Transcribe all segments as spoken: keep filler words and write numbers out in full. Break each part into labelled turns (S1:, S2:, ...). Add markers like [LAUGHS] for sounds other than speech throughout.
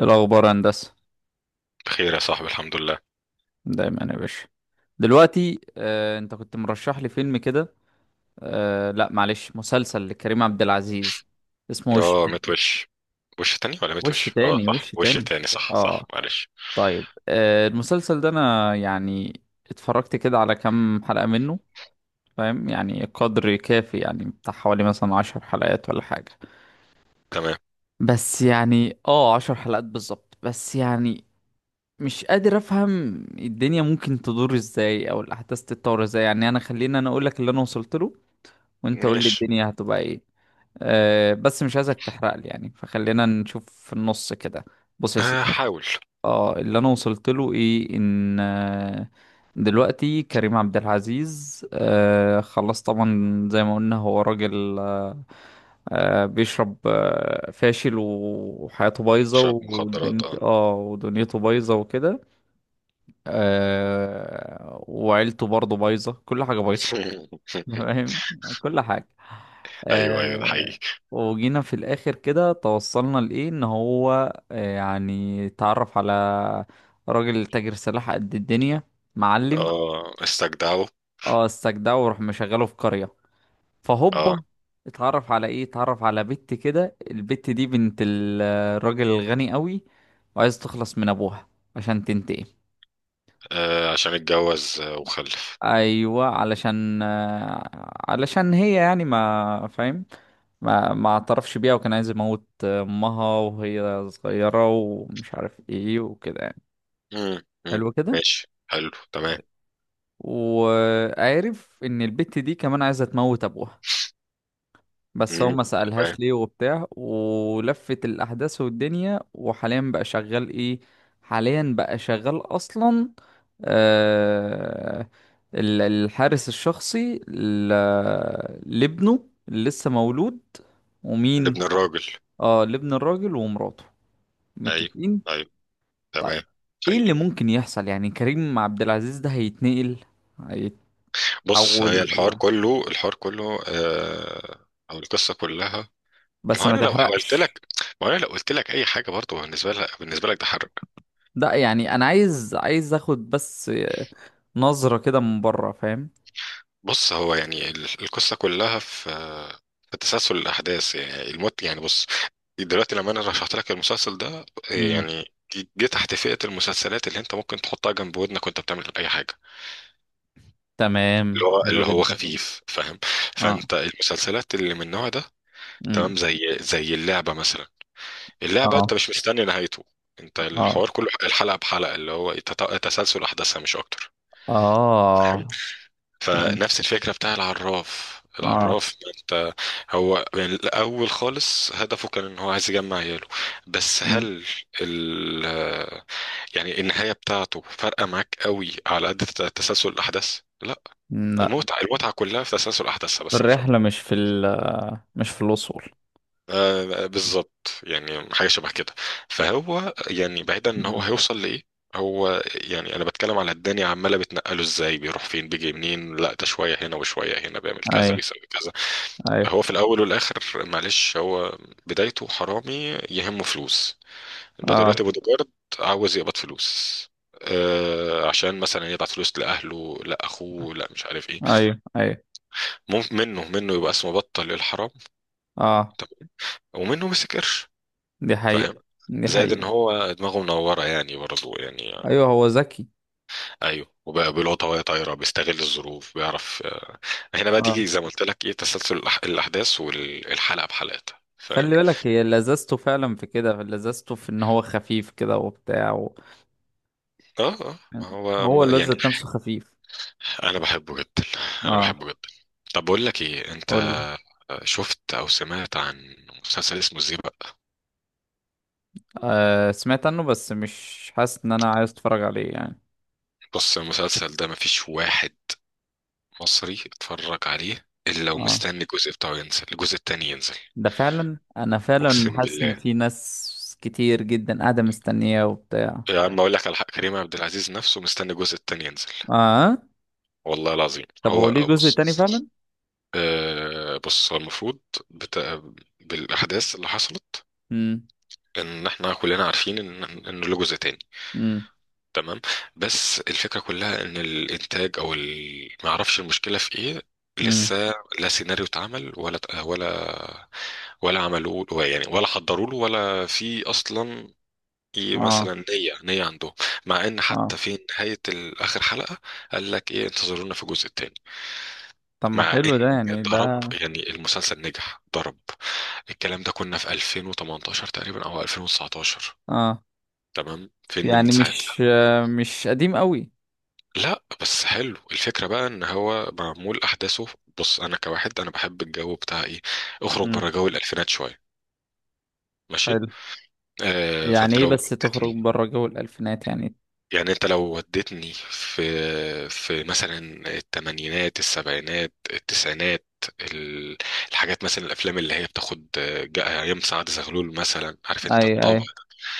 S1: الأخبار هندسة.
S2: بخير يا صاحبي الحمد لله.
S1: دايما يا باشا. دلوقتي آه، أنت كنت مرشح لي فيلم كده. آه، لا معلش، مسلسل لكريم عبد العزيز، اسمه وش
S2: اه
S1: تاني.
S2: متوش. وش تاني ولا
S1: وش
S2: متوش، اه
S1: تاني،
S2: صح،
S1: وش
S2: وش
S1: تاني.
S2: تاني، صح صح،
S1: اه.
S2: معلش.
S1: طيب، آه، المسلسل ده أنا يعني اتفرجت كده على كام حلقة منه، فاهم، يعني قدر كافي، يعني بتاع حوالي مثلا عشر حلقات ولا حاجة.
S2: تمام،
S1: بس يعني اه عشر حلقات بالظبط، بس يعني مش قادر افهم الدنيا ممكن تدور ازاي او الاحداث تتطور ازاي. يعني انا خلينا انا اقول لك اللي انا وصلت له وانت قول لي
S2: ماشي.
S1: الدنيا هتبقى ايه. أه بس مش عايزك تحرق لي يعني، فخلينا نشوف في النص كده. بص يا
S2: آه،
S1: سيدي،
S2: حاول.
S1: اه اللي انا وصلت له ايه، ان آه، دلوقتي كريم عبد العزيز أه خلاص، طبعا زي ما قلنا، هو راجل، أه آه، بيشرب، آه، فاشل، وحياته بايظه
S2: تشرب مخدرات
S1: ودنيته
S2: اه.
S1: اه ودنيته بايظه وكده. آه وعيلته برضه بايظة، كل حاجة بايظة.
S2: [LAUGHS]
S1: [LAUGHS] فاهم، كل حاجة.
S2: ايوه ايوه، ده
S1: آه
S2: حقيقي.
S1: وجينا في الآخر كده، توصلنا لإيه، إن هو آه يعني اتعرف على راجل تاجر سلاح قد الدنيا، معلم.
S2: اه استجدعوا.
S1: اه، استجدعه وراح مشغله في قرية.
S2: اه،
S1: فهوبا، اتعرف على ايه؟ اتعرف على بنت كده، البت دي بنت ال- الراجل الغني قوي، وعايز تخلص من ابوها عشان تنتقم.
S2: آه، عشان اتجوز آه، وخلف.
S1: ايوه، علشان آه، علشان هي، يعني ما فاهم، ما ما اعترفش بيها، وكان عايز يموت امها وهي صغيرة ومش عارف ايه وكده يعني.
S2: مم، مم،
S1: حلو كده.
S2: ماشي، حلو، تمام.
S1: وعارف ان البت دي كمان عايزة تموت ابوها، بس هو
S2: مم.
S1: ما سألهاش
S2: تمام.
S1: ليه وبتاع، ولفت الأحداث والدنيا. وحاليا بقى شغال إيه؟ حاليا بقى شغال أصلا آه ال- الحارس الشخصي ل- لابنه اللي لسه مولود. ومين؟
S2: لابن الراجل.
S1: اه، لابن الراجل ومراته.
S2: ايوه،
S1: متفقين.
S2: ايوه،
S1: طيب،
S2: تمام.
S1: ايه
S2: حقيقي.
S1: اللي ممكن يحصل؟ يعني كريم عبد العزيز ده هيتنقل،
S2: بص، هي
S1: هيتحول
S2: الحوار
S1: ولا؟
S2: كله الحوار كله آه، او القصه كلها. ما
S1: بس
S2: هو
S1: ما
S2: انا لو حاولت
S1: تحرقش.
S2: لك، ما هو انا لو قلت لك اي حاجه، برضه بالنسبه لك، بالنسبه لك ده حرق.
S1: لا يعني انا عايز، عايز اخد بس نظرة كده من بره، فاهم؟
S2: بص، هو يعني ال- القصه كلها في في تسلسل الاحداث، يعني الموت، يعني بص. دلوقتي لما انا رشحت لك المسلسل ده،
S1: امم.
S2: يعني جه تحت فئه المسلسلات اللي انت ممكن تحطها جنب ودنك وانت بتعمل اي حاجه، اللي
S1: تمام،
S2: هو
S1: حلو
S2: اللي هو
S1: جدا.
S2: خفيف، فاهم.
S1: اه.
S2: فانت المسلسلات اللي من النوع ده، تمام،
S1: امم.
S2: زي زي اللعبه مثلا. اللعبه انت
S1: اه،
S2: مش مستني نهايته، انت
S1: اه،
S2: الحوار كله الحلقه بحلقه اللي هو تت- تسلسل احداثها، مش اكتر.
S1: اه، فاهم.
S2: فنفس الفكرة بتاع العراف،
S1: اه.
S2: العراف ما انت، هو يعني الأول خالص هدفه كان إن هو عايز يجمع عياله. بس
S1: امم.
S2: هل ال يعني النهاية بتاعته فارقة معاك قوي على قد تت- تسلسل الأحداث؟ لا.
S1: لا،
S2: المتعة المتعة كلها في تسلسل أحداثها بس، مش أكتر.
S1: الرحلة مش في ال... مش في الوصول.
S2: آه آه، بالظبط، يعني حاجة شبه كده. فهو يعني بعيدا إن هو
S1: أمم.
S2: هيوصل لإيه، هو يعني انا بتكلم على الدنيا عماله بتنقله ازاي، بيروح فين، بيجي منين، لا ده شويه هنا وشويه هنا، بيعمل كذا،
S1: ايوه،
S2: بيسوي كذا.
S1: ايوه.
S2: هو في الاول والاخر، معلش، هو بدايته حرامي يهمه فلوس، يبقى
S1: اه.
S2: دلوقتي بودي جارد عاوز يقبض فلوس، آه عشان مثلا يبعت فلوس لاهله، لا اخوه، لا مش عارف ايه.
S1: ايوه، ايوه.
S2: ممكن منه منه يبقى اسمه بطل الحرام.
S1: اه.
S2: طب، ومنه مسك قرش،
S1: دي
S2: فاهم.
S1: حقيقة، دي
S2: زائد ان
S1: حقيقة.
S2: هو دماغه منوره، يعني برضه يعني آه،
S1: ايوه، هو ذكي.
S2: ايوه، وبقى بيلقطها وهي طايره، بيستغل الظروف، بيعرف آه، هنا بقى
S1: اه،
S2: تيجي زي ما قلت لك ايه، تسلسل الأح- الاحداث والحلقه بحلقتها، فاهم.
S1: خلي بالك، هي لذذته فعلا في كده، لذذته في ان هو خفيف كده وبتاع و...
S2: اه اه ما هو م-
S1: هو الواد
S2: يعني
S1: ذات نفسه خفيف.
S2: انا بحبه جدا، انا
S1: اه،
S2: بحبه جدا. طب بقول لك ايه
S1: قول
S2: انت،
S1: لي.
S2: شفت او سمعت عن مسلسل اسمه ازاي بقى.
S1: آه، سمعت عنه، بس مش حاسس ان انا عايز اتفرج عليه يعني.
S2: بص، المسلسل ده مفيش واحد مصري اتفرج عليه الا
S1: اه،
S2: ومستني الجزء بتاعه ينزل، الجزء التاني ينزل.
S1: ده فعلا، انا فعلا
S2: اقسم
S1: حاسس ان
S2: بالله
S1: في ناس كتير جدا قاعدة مستنية وبتاع.
S2: يا عم، اقول لك على حق، كريم عبد العزيز نفسه مستني الجزء التاني ينزل،
S1: اه،
S2: والله العظيم.
S1: طب هو ليه
S2: هو
S1: جزء
S2: بص،
S1: تاني فعلا؟
S2: آه بص، هو المفروض، بتا... بالاحداث اللي حصلت،
S1: امم.
S2: ان احنا كلنا عارفين ان ان له جزء تاني،
S1: امم.
S2: تمام. بس الفكرة كلها ان الانتاج او ال... ما اعرفش المشكلة في ايه،
S1: امم.
S2: لسه لا سيناريو اتعمل، ولا ولا ولا عملوه يعني، ولا حضروا له، ولا في اصلا ي-
S1: اه.
S2: مثلا نية نية عندهم. مع ان
S1: اه.
S2: حتى في نهاية ال- اخر حلقة، قال لك ايه، انتظرونا في الجزء التاني.
S1: طب ما
S2: مع
S1: حلو ده،
S2: ان،
S1: يعني
S2: ضرب
S1: ده.
S2: يعني، المسلسل نجح ضرب. الكلام ده كنا في ألفين وثمنتاشر تقريبا او ألفين وتسعتاشر.
S1: اه،
S2: تمام، فين من
S1: يعني
S2: ساعتها.
S1: مش آه، مش قديم قوي.
S2: لا بس حلو الفكرة بقى ان هو معمول احداثه. بص، انا كواحد انا بحب الجو بتاع ايه، اخرج
S1: امم.
S2: بره جو الالفينات شوية، ماشي.
S1: حلو.
S2: آه،
S1: يعني
S2: فانت
S1: ايه
S2: لو
S1: بس تخرج
S2: وديتني،
S1: بره جو الالفينات يعني؟
S2: يعني انت لو وديتني في في مثلا الثمانينات، السبعينات، التسعينات، ال- الحاجات مثلا، الافلام اللي هي بتاخد آه، جا- ايام سعد زغلول مثلا، عارف انت
S1: اي، اي.
S2: الطابع.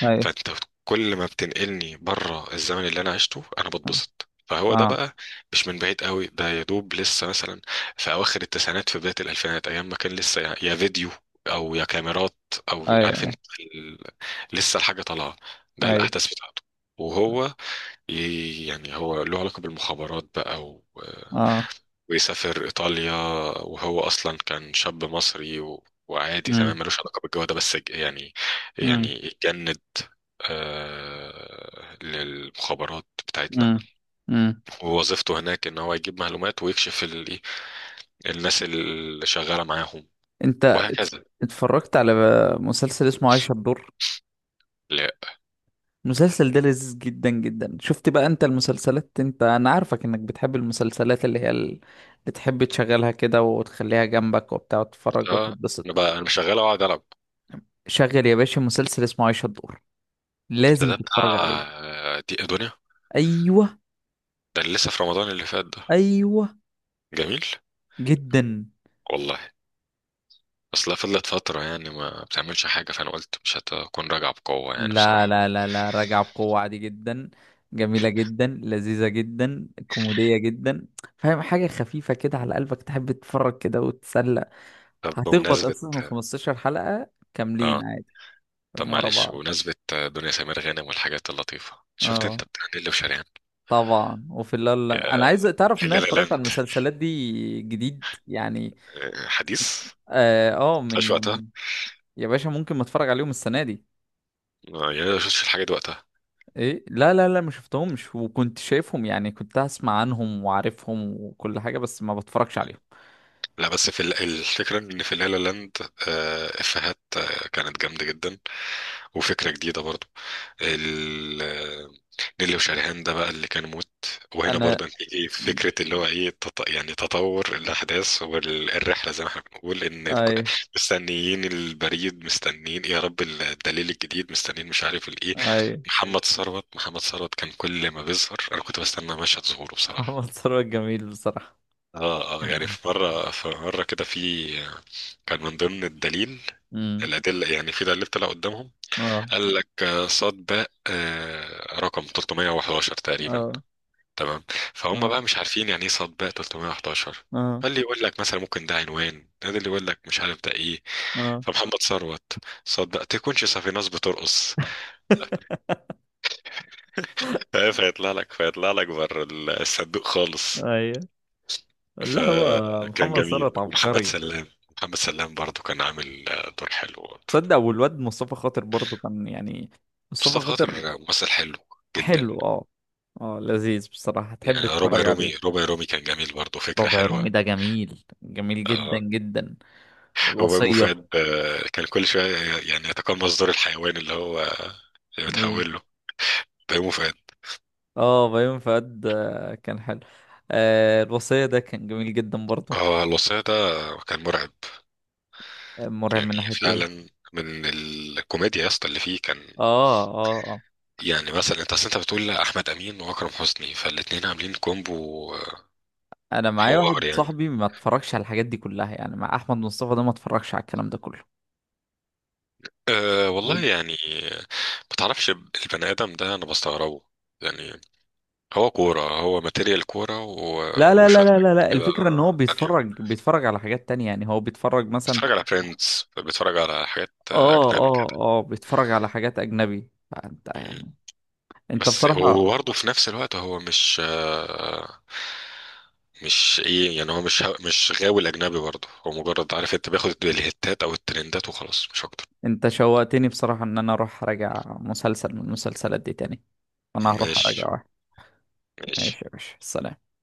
S1: اي.
S2: فانت كل ما بتنقلني بره الزمن اللي انا عشته انا بتبسط، فهو ده
S1: اه.
S2: بقى مش من بعيد قوي، ده يا دوب لسه مثلا في اواخر التسعينات، في بدايه الالفينات، ايام ما كان لسه يا يا فيديو او يا كاميرات او
S1: اي،
S2: عارف انت
S1: اي.
S2: ال... لسه الحاجه طالعه، ده
S1: اي.
S2: الاحداث بتاعته. وهو ي... يعني هو له علاقه بالمخابرات بقى،
S1: اه.
S2: ويسافر إيطاليا، وهو أصلا كان شاب مصري و... وعادي تمام، ملوش علاقة بالجو ده، بس ج- يعني،
S1: امم.
S2: يعني اتجند آه للمخابرات بتاعتنا.
S1: امم. امم.
S2: ووظيفته هناك إن هو يجيب معلومات ويكشف ال... إيه، الناس اللي شغالة معاهم،
S1: انت ات-
S2: وهكذا.
S1: اتفرجت على مسلسل اسمه عايشة الدور؟
S2: لا
S1: المسلسل ده لذيذ جدا جدا. شفت بقى انت المسلسلات، انت، انا عارفك انك بتحب المسلسلات اللي هي ال- اللي تحب تشغلها كده وتخليها جنبك وبتاع وتتفرج
S2: آه،
S1: وتتبسط.
S2: أنا بقى أنا مش شغال أقعد ألعب.
S1: شغل يا باشا، مسلسل اسمه عايشة الدور،
S2: ده
S1: لازم
S2: ده بتاع
S1: تتفرج عليه.
S2: آه، دي دنيا،
S1: ايوه،
S2: ده اللي لسه في رمضان اللي فات ده.
S1: ايوه.
S2: جميل
S1: جدا.
S2: والله. اصلها فضلت فترة يعني ما بتعملش حاجة، فأنا قلت مش هتكون راجعة بقوة يعني
S1: لا،
S2: بصراحة.
S1: لا، لا، لا، راجعة بقوة عادي جدا. جميلة جدا، لذيذة جدا، كوميدية جدا، فاهم، حاجة خفيفة كده على قلبك، تحب تتفرج كده وتتسلى.
S2: طب
S1: هتخبط
S2: بمناسبة،
S1: أساسا خمسة عشر حلقة كاملين
S2: اه،
S1: عادي،
S2: طب
S1: فاهم، ورا
S2: معلش
S1: بعض.
S2: بمناسبة آه، دنيا سمير غانم والحاجات اللطيفة، شفت
S1: اه،
S2: انت بتاع نيللي وشريهان،
S1: طبعا. وفي الليل انا
S2: آه،
S1: عايز تعرف ان انا
S2: لا لا
S1: اتفرجت على
S2: لاند،
S1: المسلسلات دي جديد يعني.
S2: آه، حديث،
S1: اه، آه، من
S2: مش وقتها.
S1: يا باشا ممكن ما اتفرج عليهم السنة دي.
S2: آه، يعني أنا ما شفتش الحاجة دي وقتها.
S1: ايه، لا، لا، لا، ما شفتهمش، وكنت شايفهم يعني، كنت اسمع عنهم وعارفهم وكل حاجة، بس ما بتفرجش عليهم.
S2: لا بس في ال- الفكرة ان في لا لا لاند آه، افيهات آه، كانت جامدة جدا، وفكرة جديدة برضو. ال- نيلي وشريهان ده بقى اللي كان موت. وهنا برضه
S1: انا.
S2: هتيجي فكرة اللي هو ايه، تط... يعني تطور الأحداث والرحلة زي ما احنا بنقول إن ك-
S1: اي،
S2: مستنيين البريد، مستنيين إيه يا رب الدليل الجديد، مستنيين مش عارف الإيه.
S1: اي.
S2: محمد ثروت محمد ثروت كان كل ما بيظهر أنا كنت بستنى مشهد ظهوره
S1: [LAUGHS]
S2: بصراحة.
S1: محمد ثروت جميل بصراحة.
S2: اه، اه يعني، في مرة في مرة كده، في كان من ضمن الدليل،
S1: امم.
S2: الأدلة يعني، في دليل طلع قدامهم،
S1: اه،
S2: قال لك آه، صاد باء آه، رقم ثلاثمية وحداشر تقريبا،
S1: اه،
S2: تمام. فهم بقى
S1: اه.
S2: مش عارفين يعني ايه صاد باء ثلاثمية وحداشر.
S1: اه،
S2: فاللي يقول لك مثلا ممكن ده عنوان، ده اللي يقول لك مش عارف ده ايه.
S1: اه.
S2: فمحمد ثروت، صاد باء تكونش صافي ناس بترقص.
S1: [LAUGHS]
S2: [LAUGHS] آه، فيطلع لك، فيطلع لك بره الصندوق خالص.
S1: ايوه. لا، هو
S2: فكان
S1: محمد
S2: جميل.
S1: ثروت
S2: ومحمد
S1: عبقري.
S2: سلام محمد سلام برضو كان عامل آه، دور حلو برضو.
S1: تصدق، والواد مصطفى خاطر برضه كان، يعني، مصطفى
S2: مصطفى
S1: خاطر
S2: خاطر آه، ممثل حلو جدا
S1: حلو. اه، اه، لذيذ بصراحة، تحب
S2: يعني. ربع
S1: تتفرج عليه.
S2: رومي ربع رومي كان جميل برضو، فكرة
S1: ربع
S2: حلوة.
S1: رومي ده جميل، جميل جدا
S2: آه،
S1: جدا.
S2: وبابو فؤاد
S1: الوصية.
S2: آه، كان كل شوية يعني يتقمص دور الحيوان اللي هو اللي
S1: ايه.
S2: بتحول له، بيومه فؤاد.
S1: اه، بيومي فؤاد آه، كان حلو. آه الوصية ده كان جميل جدا برضه.
S2: اه الوصية ده كان مرعب،
S1: مرعب
S2: يعني
S1: من ناحية ايه؟
S2: فعلا من الكوميديا يا اسطى اللي فيه كان،
S1: اه، اه، اه.
S2: يعني مثلا انت، اصل انت بتقول احمد امين واكرم حسني، فالاتنين عاملين كومبو.
S1: انا معايا واحد
S2: حوار يعني.
S1: صاحبي ما اتفرجش على الحاجات دي كلها يعني، مع احمد مصطفى ده ما اتفرجش على الكلام ده كله
S2: أه
S1: و...
S2: والله يعني ما تعرفش، البني ادم ده انا بستغربه يعني، هو كورة، هو ماتيريال كورة
S1: لا،
S2: و-
S1: لا، لا،
S2: وشوية
S1: لا، لا،
S2: حاجات
S1: لا،
S2: كده.
S1: الفكرة ان هو بيتفرج، بيتفرج على حاجات تانية يعني، هو بيتفرج مثلا.
S2: بتفرج على فريندز، بتفرج على حاجات آه،
S1: اه،
S2: اجنبي
S1: اه،
S2: كده.
S1: اه، بيتفرج على حاجات اجنبي، فانت
S2: مم.
S1: يعني. انت
S2: بس
S1: بصراحة،
S2: وبرضه في نفس الوقت هو مش آه، مش ايه يعني، هو مش مش غاوي الاجنبي برضه، هو مجرد، عارف انت، بياخد الهتات او الترندات وخلاص، مش اكتر.
S1: انت شوقتني بصراحة ان انا اروح اراجع مسلسل من المسلسلات دي تاني. انا هروح
S2: ماشي،
S1: اراجع واحد.
S2: ماشي.
S1: ماشي يا باشا، سلام.